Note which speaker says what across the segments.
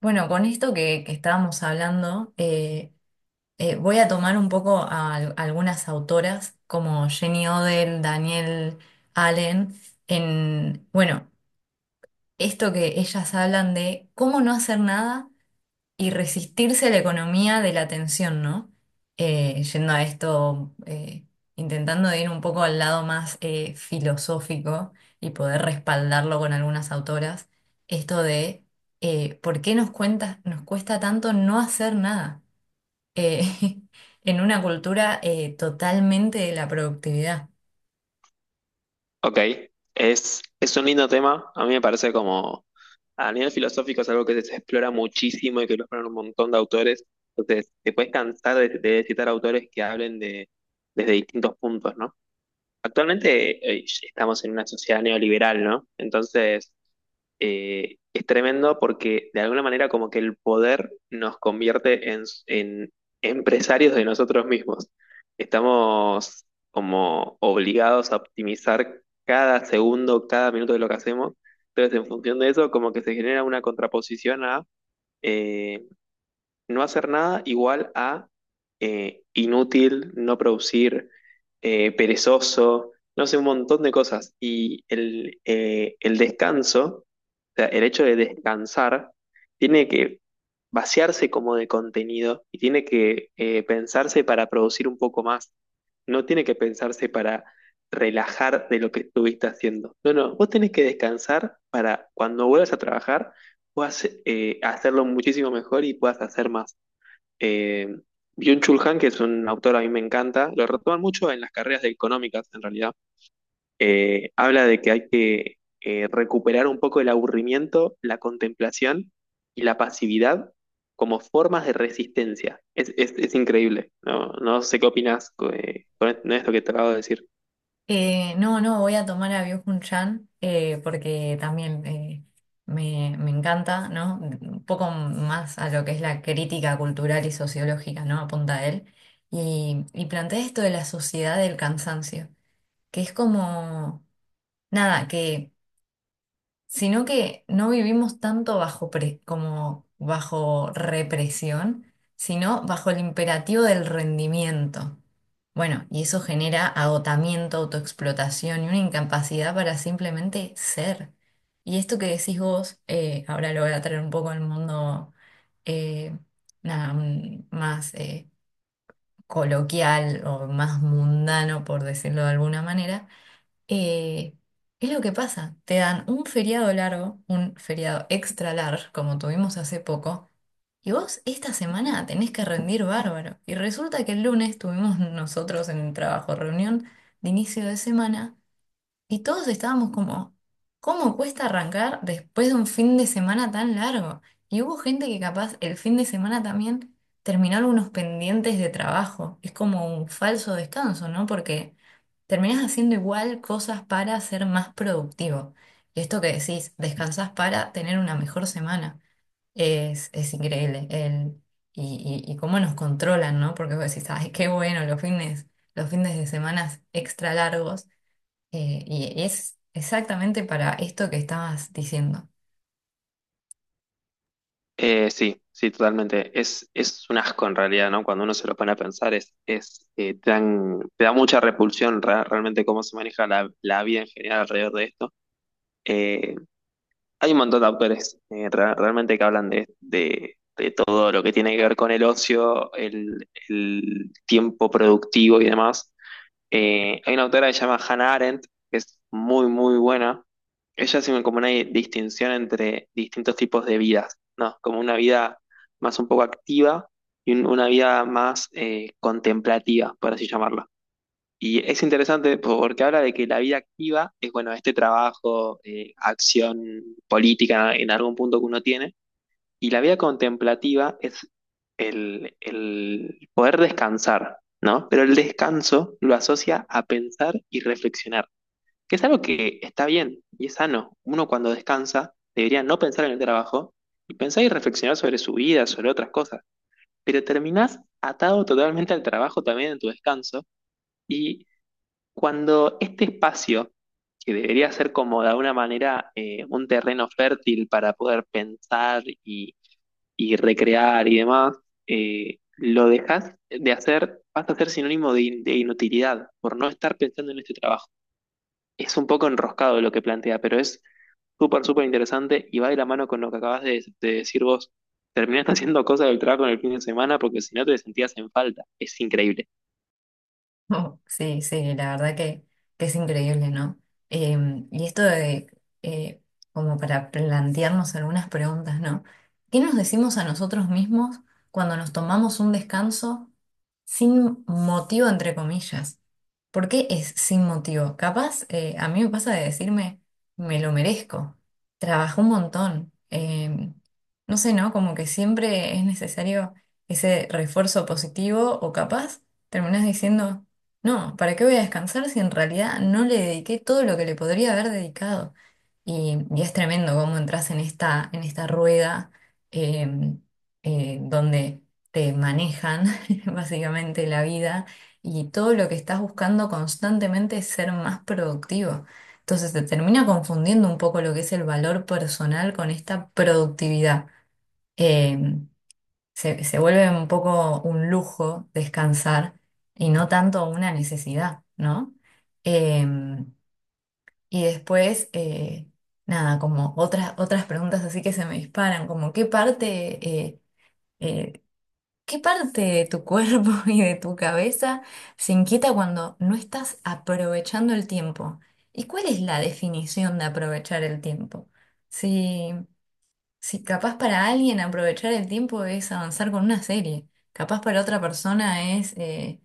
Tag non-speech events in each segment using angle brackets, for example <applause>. Speaker 1: Bueno, con esto que estábamos hablando, voy a tomar un poco algunas autoras como Jenny Odell, Danielle Allen, en, bueno, esto que ellas hablan de cómo no hacer nada y resistirse a la economía de la atención, ¿no? Yendo a esto, intentando de ir un poco al lado más filosófico y poder respaldarlo con algunas autoras, esto de por qué nos cuesta tanto no hacer nada eh, <laughs> en una cultura totalmente de la productividad.
Speaker 2: Ok, es un lindo tema. A mí me parece como a nivel filosófico es algo que se explora muchísimo y que lo exploran un montón de autores. Entonces, te puedes cansar de citar autores que hablen de, desde distintos puntos, ¿no? Actualmente estamos en una sociedad neoliberal, ¿no? Entonces, es tremendo porque de alguna manera como que el poder nos convierte en empresarios de nosotros mismos. Estamos como obligados a optimizar cada segundo, cada minuto de lo que hacemos. Entonces, en función de eso, como que se genera una contraposición a eh, no hacer nada igual a inútil, no producir, perezoso, no sé, un montón de cosas. Y el descanso, o sea, el hecho de descansar, tiene que vaciarse como de contenido y tiene que pensarse para producir un poco más. No tiene que pensarse para relajar de lo que estuviste haciendo. No, no, vos tenés que descansar para cuando vuelvas a trabajar puedas hacerlo muchísimo mejor y puedas hacer más. Eh, Byung-Chul Han, que es un autor a mí me encanta, lo retoman mucho en las carreras de económicas, en realidad. Habla de que hay que recuperar un poco el aburrimiento, la contemplación y la pasividad como formas de resistencia. Es increíble. No, no sé qué opinas con esto que te acabo de decir.
Speaker 1: No, no, voy a tomar a Byung-Hun Chan porque también me encanta, ¿no? Un poco más a lo que es la crítica cultural y sociológica, ¿no? Apunta a él. Y plantea esto de la sociedad del cansancio, que es como, nada, que sino que no vivimos tanto como bajo represión, sino bajo el imperativo del rendimiento. Bueno, y eso genera agotamiento, autoexplotación y una incapacidad para simplemente ser. Y esto que decís vos, ahora lo voy a traer un poco al mundo eh, nada, mm, más coloquial o más mundano, por decirlo de alguna manera, eh, es lo que pasa, te dan un feriado largo, un feriado extra largo, como tuvimos hace poco, y vos esta semana tenés que rendir bárbaro. Y resulta que el lunes tuvimos nosotros en el trabajo reunión de inicio de semana. Y todos estábamos como, ¿cómo cuesta arrancar después de un fin de semana tan largo? Y hubo gente que capaz el fin de semana también terminó algunos pendientes de trabajo. Es como un falso descanso, ¿no? Porque terminás haciendo igual cosas para ser más productivo. Y esto que decís, descansás para tener una mejor semana. Es increíble. Y cómo nos controlan, ¿no? Porque vos decís, ay, qué bueno, los fines de semana extra largos. Y es exactamente para esto que estabas diciendo.
Speaker 2: Sí, sí, totalmente. Es un asco en realidad, ¿no? Cuando uno se lo pone a pensar, te te da mucha repulsión realmente cómo se maneja la vida en general alrededor de esto. Eh, Hay un montón de autores realmente que hablan de, de todo lo que tiene que ver con el ocio, el tiempo productivo y demás. Hay una autora que se llama Hannah Arendt, que es muy, muy buena. Ella hace como una distinción entre distintos tipos de vidas, ¿no? Como una vida más un poco activa y una vida más contemplativa, por así llamarla. Y es interesante porque habla de que la vida activa es, bueno, este trabajo, acción política en algún punto que uno tiene, y la vida contemplativa es el poder descansar, ¿no? Pero el descanso lo asocia a pensar y reflexionar, que es algo que está bien y es sano. Uno cuando descansa debería no pensar en el trabajo y pensar y reflexionar sobre su vida, sobre otras cosas, pero terminás atado totalmente al trabajo también en tu descanso. Y cuando este espacio, que debería ser como de alguna manera un terreno fértil para poder pensar y recrear y demás, lo dejas de hacer, vas a ser sinónimo de, de inutilidad por no estar pensando en este trabajo. Es un poco enroscado lo que plantea, pero es súper, súper interesante y va de la mano con lo que acabas de decir vos. Terminaste <laughs> haciendo cosas del trabajo en el fin de semana porque si no te sentías en falta. Es increíble.
Speaker 1: <laughs> Oh, sí, sí, la verdad que es increíble, ¿no? Y esto de, eh, como para plantearnos algunas preguntas, ¿no? ¿Qué nos decimos a nosotros mismos cuando nos tomamos un descanso sin motivo, entre comillas? ¿Por qué es sin motivo? Capaz, a mí me pasa de decirme, me lo merezco, trabajé un montón, no sé, ¿no? Como que siempre es necesario ese refuerzo positivo o capaz terminas diciendo... No, ¿para qué voy a descansar si en realidad no le dediqué todo lo que le podría haber dedicado? Y es tremendo cómo entras en en esta rueda, eh, donde te manejan <laughs> básicamente la vida y todo lo que estás buscando constantemente es ser más productivo. Entonces te termina confundiendo un poco lo que es el valor personal con esta productividad. Em, se vuelve un poco un lujo descansar y no tanto una necesidad, ¿no? Eh, y después, nada, como otras preguntas así que se me disparan, como eh, eh, qué parte de tu cuerpo <laughs> y de tu cabeza se inquieta cuando no estás aprovechando el tiempo. ¿Y cuál es la definición de aprovechar el tiempo? Sí. Si capaz para alguien aprovechar el tiempo es avanzar con una serie, capaz para otra persona es, eh,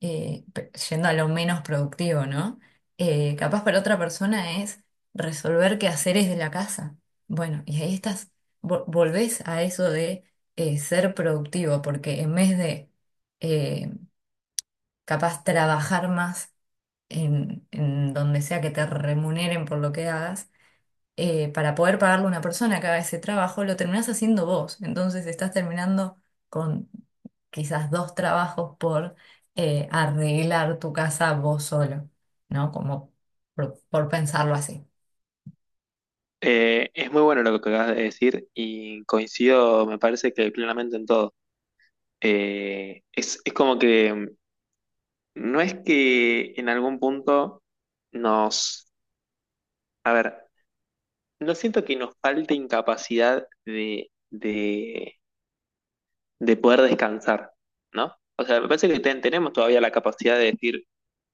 Speaker 1: eh, pe- yendo a lo menos productivo, ¿no? Capaz para otra persona es resolver qué quehaceres de la casa. Bueno, y ahí estás, volvés a eso de ser productivo, porque en vez de eh, capaz trabajar más en donde sea que te remuneren por lo que hagas, para poder pagarle a una persona que haga ese trabajo, lo terminás haciendo vos. Entonces estás terminando con quizás dos trabajos por arreglar tu casa vos solo, ¿no? Como por pensarlo así.
Speaker 2: Es muy bueno lo que acabas de decir y coincido, me parece que plenamente en todo. Es como que no es que en algún punto nos... A ver, no siento que nos falte incapacidad de poder descansar, ¿no? O sea, me parece que tenemos todavía la capacidad de decir,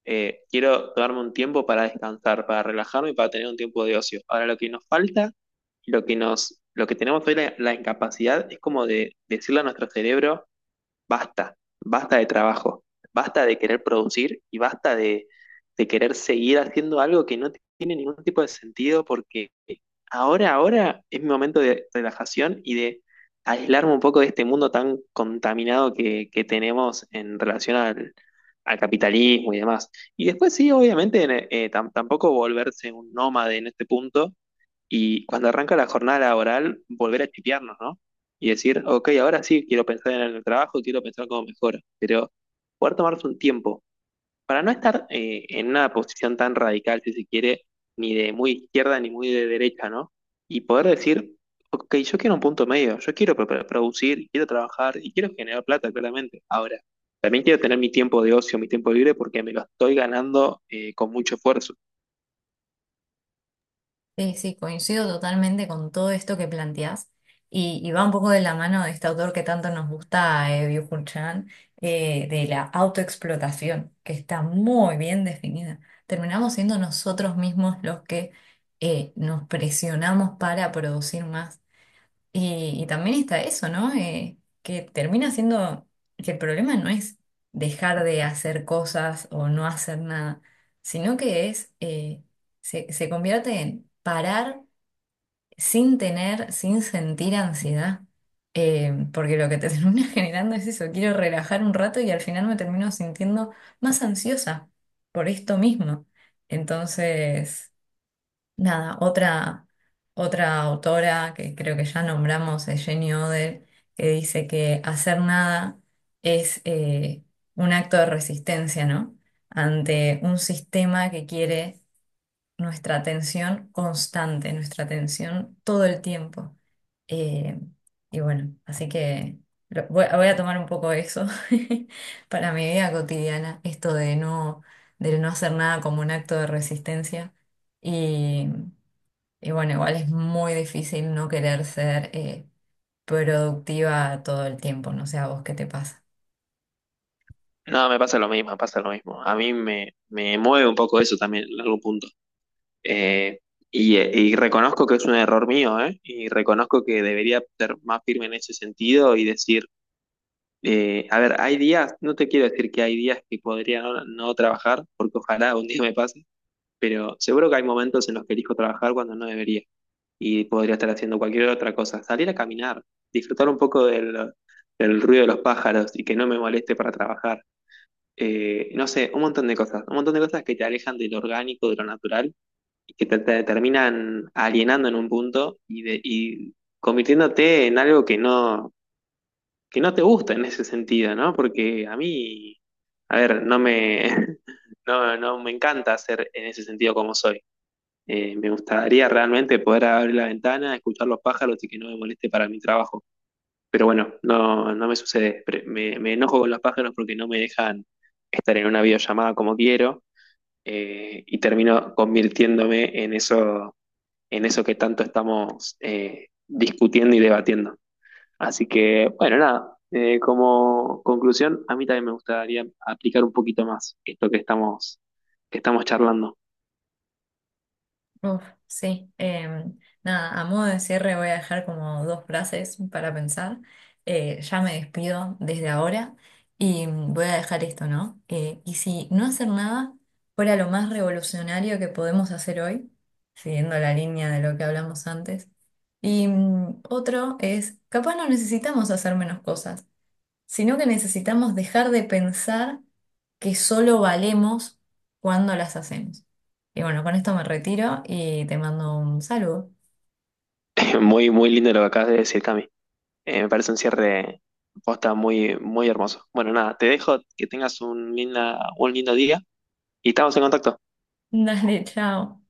Speaker 2: quiero darme un tiempo para descansar, para relajarme y para tener un tiempo de ocio. Ahora lo que nos falta, lo que tenemos hoy la incapacidad es como de decirle a nuestro cerebro, basta, basta de trabajo, basta de querer producir y basta de querer seguir haciendo algo que no tiene ningún tipo de sentido porque ahora es mi momento de relajación y de aislarme un poco de este mundo tan contaminado que tenemos en relación al capitalismo y demás. Y después sí, obviamente, tampoco volverse un nómade en este punto, y cuando arranca la jornada laboral, volver a chipearnos, ¿no? Y decir, ok, ahora sí quiero pensar en el trabajo, quiero pensar cómo mejora, pero poder tomarse un tiempo para no estar en una posición tan radical, si se quiere, ni de muy izquierda ni muy de derecha, ¿no? Y poder decir, ok, yo quiero un punto medio, yo quiero producir, quiero trabajar y quiero generar plata, claramente. Ahora, también quiero tener mi tiempo de ocio, mi tiempo libre, porque me lo estoy ganando con mucho esfuerzo.
Speaker 1: Sí, sí, coincido totalmente con todo esto que planteás y va un poco de la mano de este autor que tanto nos gusta, Byung-Hun Chan, de la autoexplotación, que está muy bien definida. Terminamos siendo nosotros mismos los que nos presionamos para producir más. Y también está eso, ¿no? Que termina siendo que el problema no es dejar de hacer cosas o no hacer nada, sino que es, se convierte en parar sin tener, sin sentir ansiedad. Porque lo que te <laughs> termina generando es eso, quiero relajar un rato y al final me termino sintiendo más ansiosa por esto mismo. Entonces... Nada, otra autora que creo que ya nombramos es Jenny Oder, que dice que hacer nada es un acto de resistencia, ¿no? Ante un sistema que quiere nuestra atención constante, nuestra atención todo el tiempo. Eh, y bueno, así que voy a tomar un poco eso <laughs> para mi vida cotidiana, esto de no hacer nada como un acto de resistencia. Y. Y bueno, igual es muy difícil no querer ser productiva todo el tiempo, no sé a vos qué te pasa.
Speaker 2: No, me pasa lo mismo, me pasa lo mismo. A mí me mueve un poco eso también en algún punto. Eh, y reconozco que es un error mío, ¿eh? Y reconozco que debería ser más firme en ese sentido y decir, a ver, hay días, no te quiero decir que hay días que podría no trabajar, porque ojalá un día me pase, pero seguro que hay momentos en los que elijo trabajar cuando no debería y podría estar haciendo cualquier otra cosa. Salir a caminar, disfrutar un poco del ruido de los pájaros y que no me moleste para trabajar no sé, un montón de cosas, un montón de cosas que te alejan de lo orgánico, de lo natural, y que te terminan alienando en un punto y, y convirtiéndote en algo que no te gusta en ese sentido, ¿no? Porque a mí, a ver, no me, <laughs> no me encanta ser en ese sentido como soy. Me gustaría realmente poder abrir la ventana, escuchar los pájaros y que no me moleste para mi trabajo. Pero bueno, no, no me sucede. Me enojo con los pájaros porque no me dejan estar en una videollamada como quiero, y termino convirtiéndome en eso que tanto estamos discutiendo y debatiendo. Así que, bueno, nada, como conclusión, a mí también me gustaría aplicar un poquito más esto que estamos charlando.
Speaker 1: Uf, sí. Nada, a modo de cierre voy a dejar como dos frases para pensar. Ya me despido desde ahora y voy a dejar esto, ¿no? Y si no hacer nada fuera lo más revolucionario que podemos hacer hoy, siguiendo la línea de lo que hablamos antes. Y otro es, capaz no necesitamos hacer menos cosas, sino que necesitamos dejar de pensar que solo valemos cuando las hacemos. Y bueno, con esto me retiro y te mando un saludo.
Speaker 2: <laughs> Muy, muy lindo lo que acabas de decir, Cami. Me parece un cierre posta muy, muy hermoso. Bueno, nada, te dejo que tengas un, linda, un lindo día y estamos en contacto.
Speaker 1: <laughs> Dale, chao.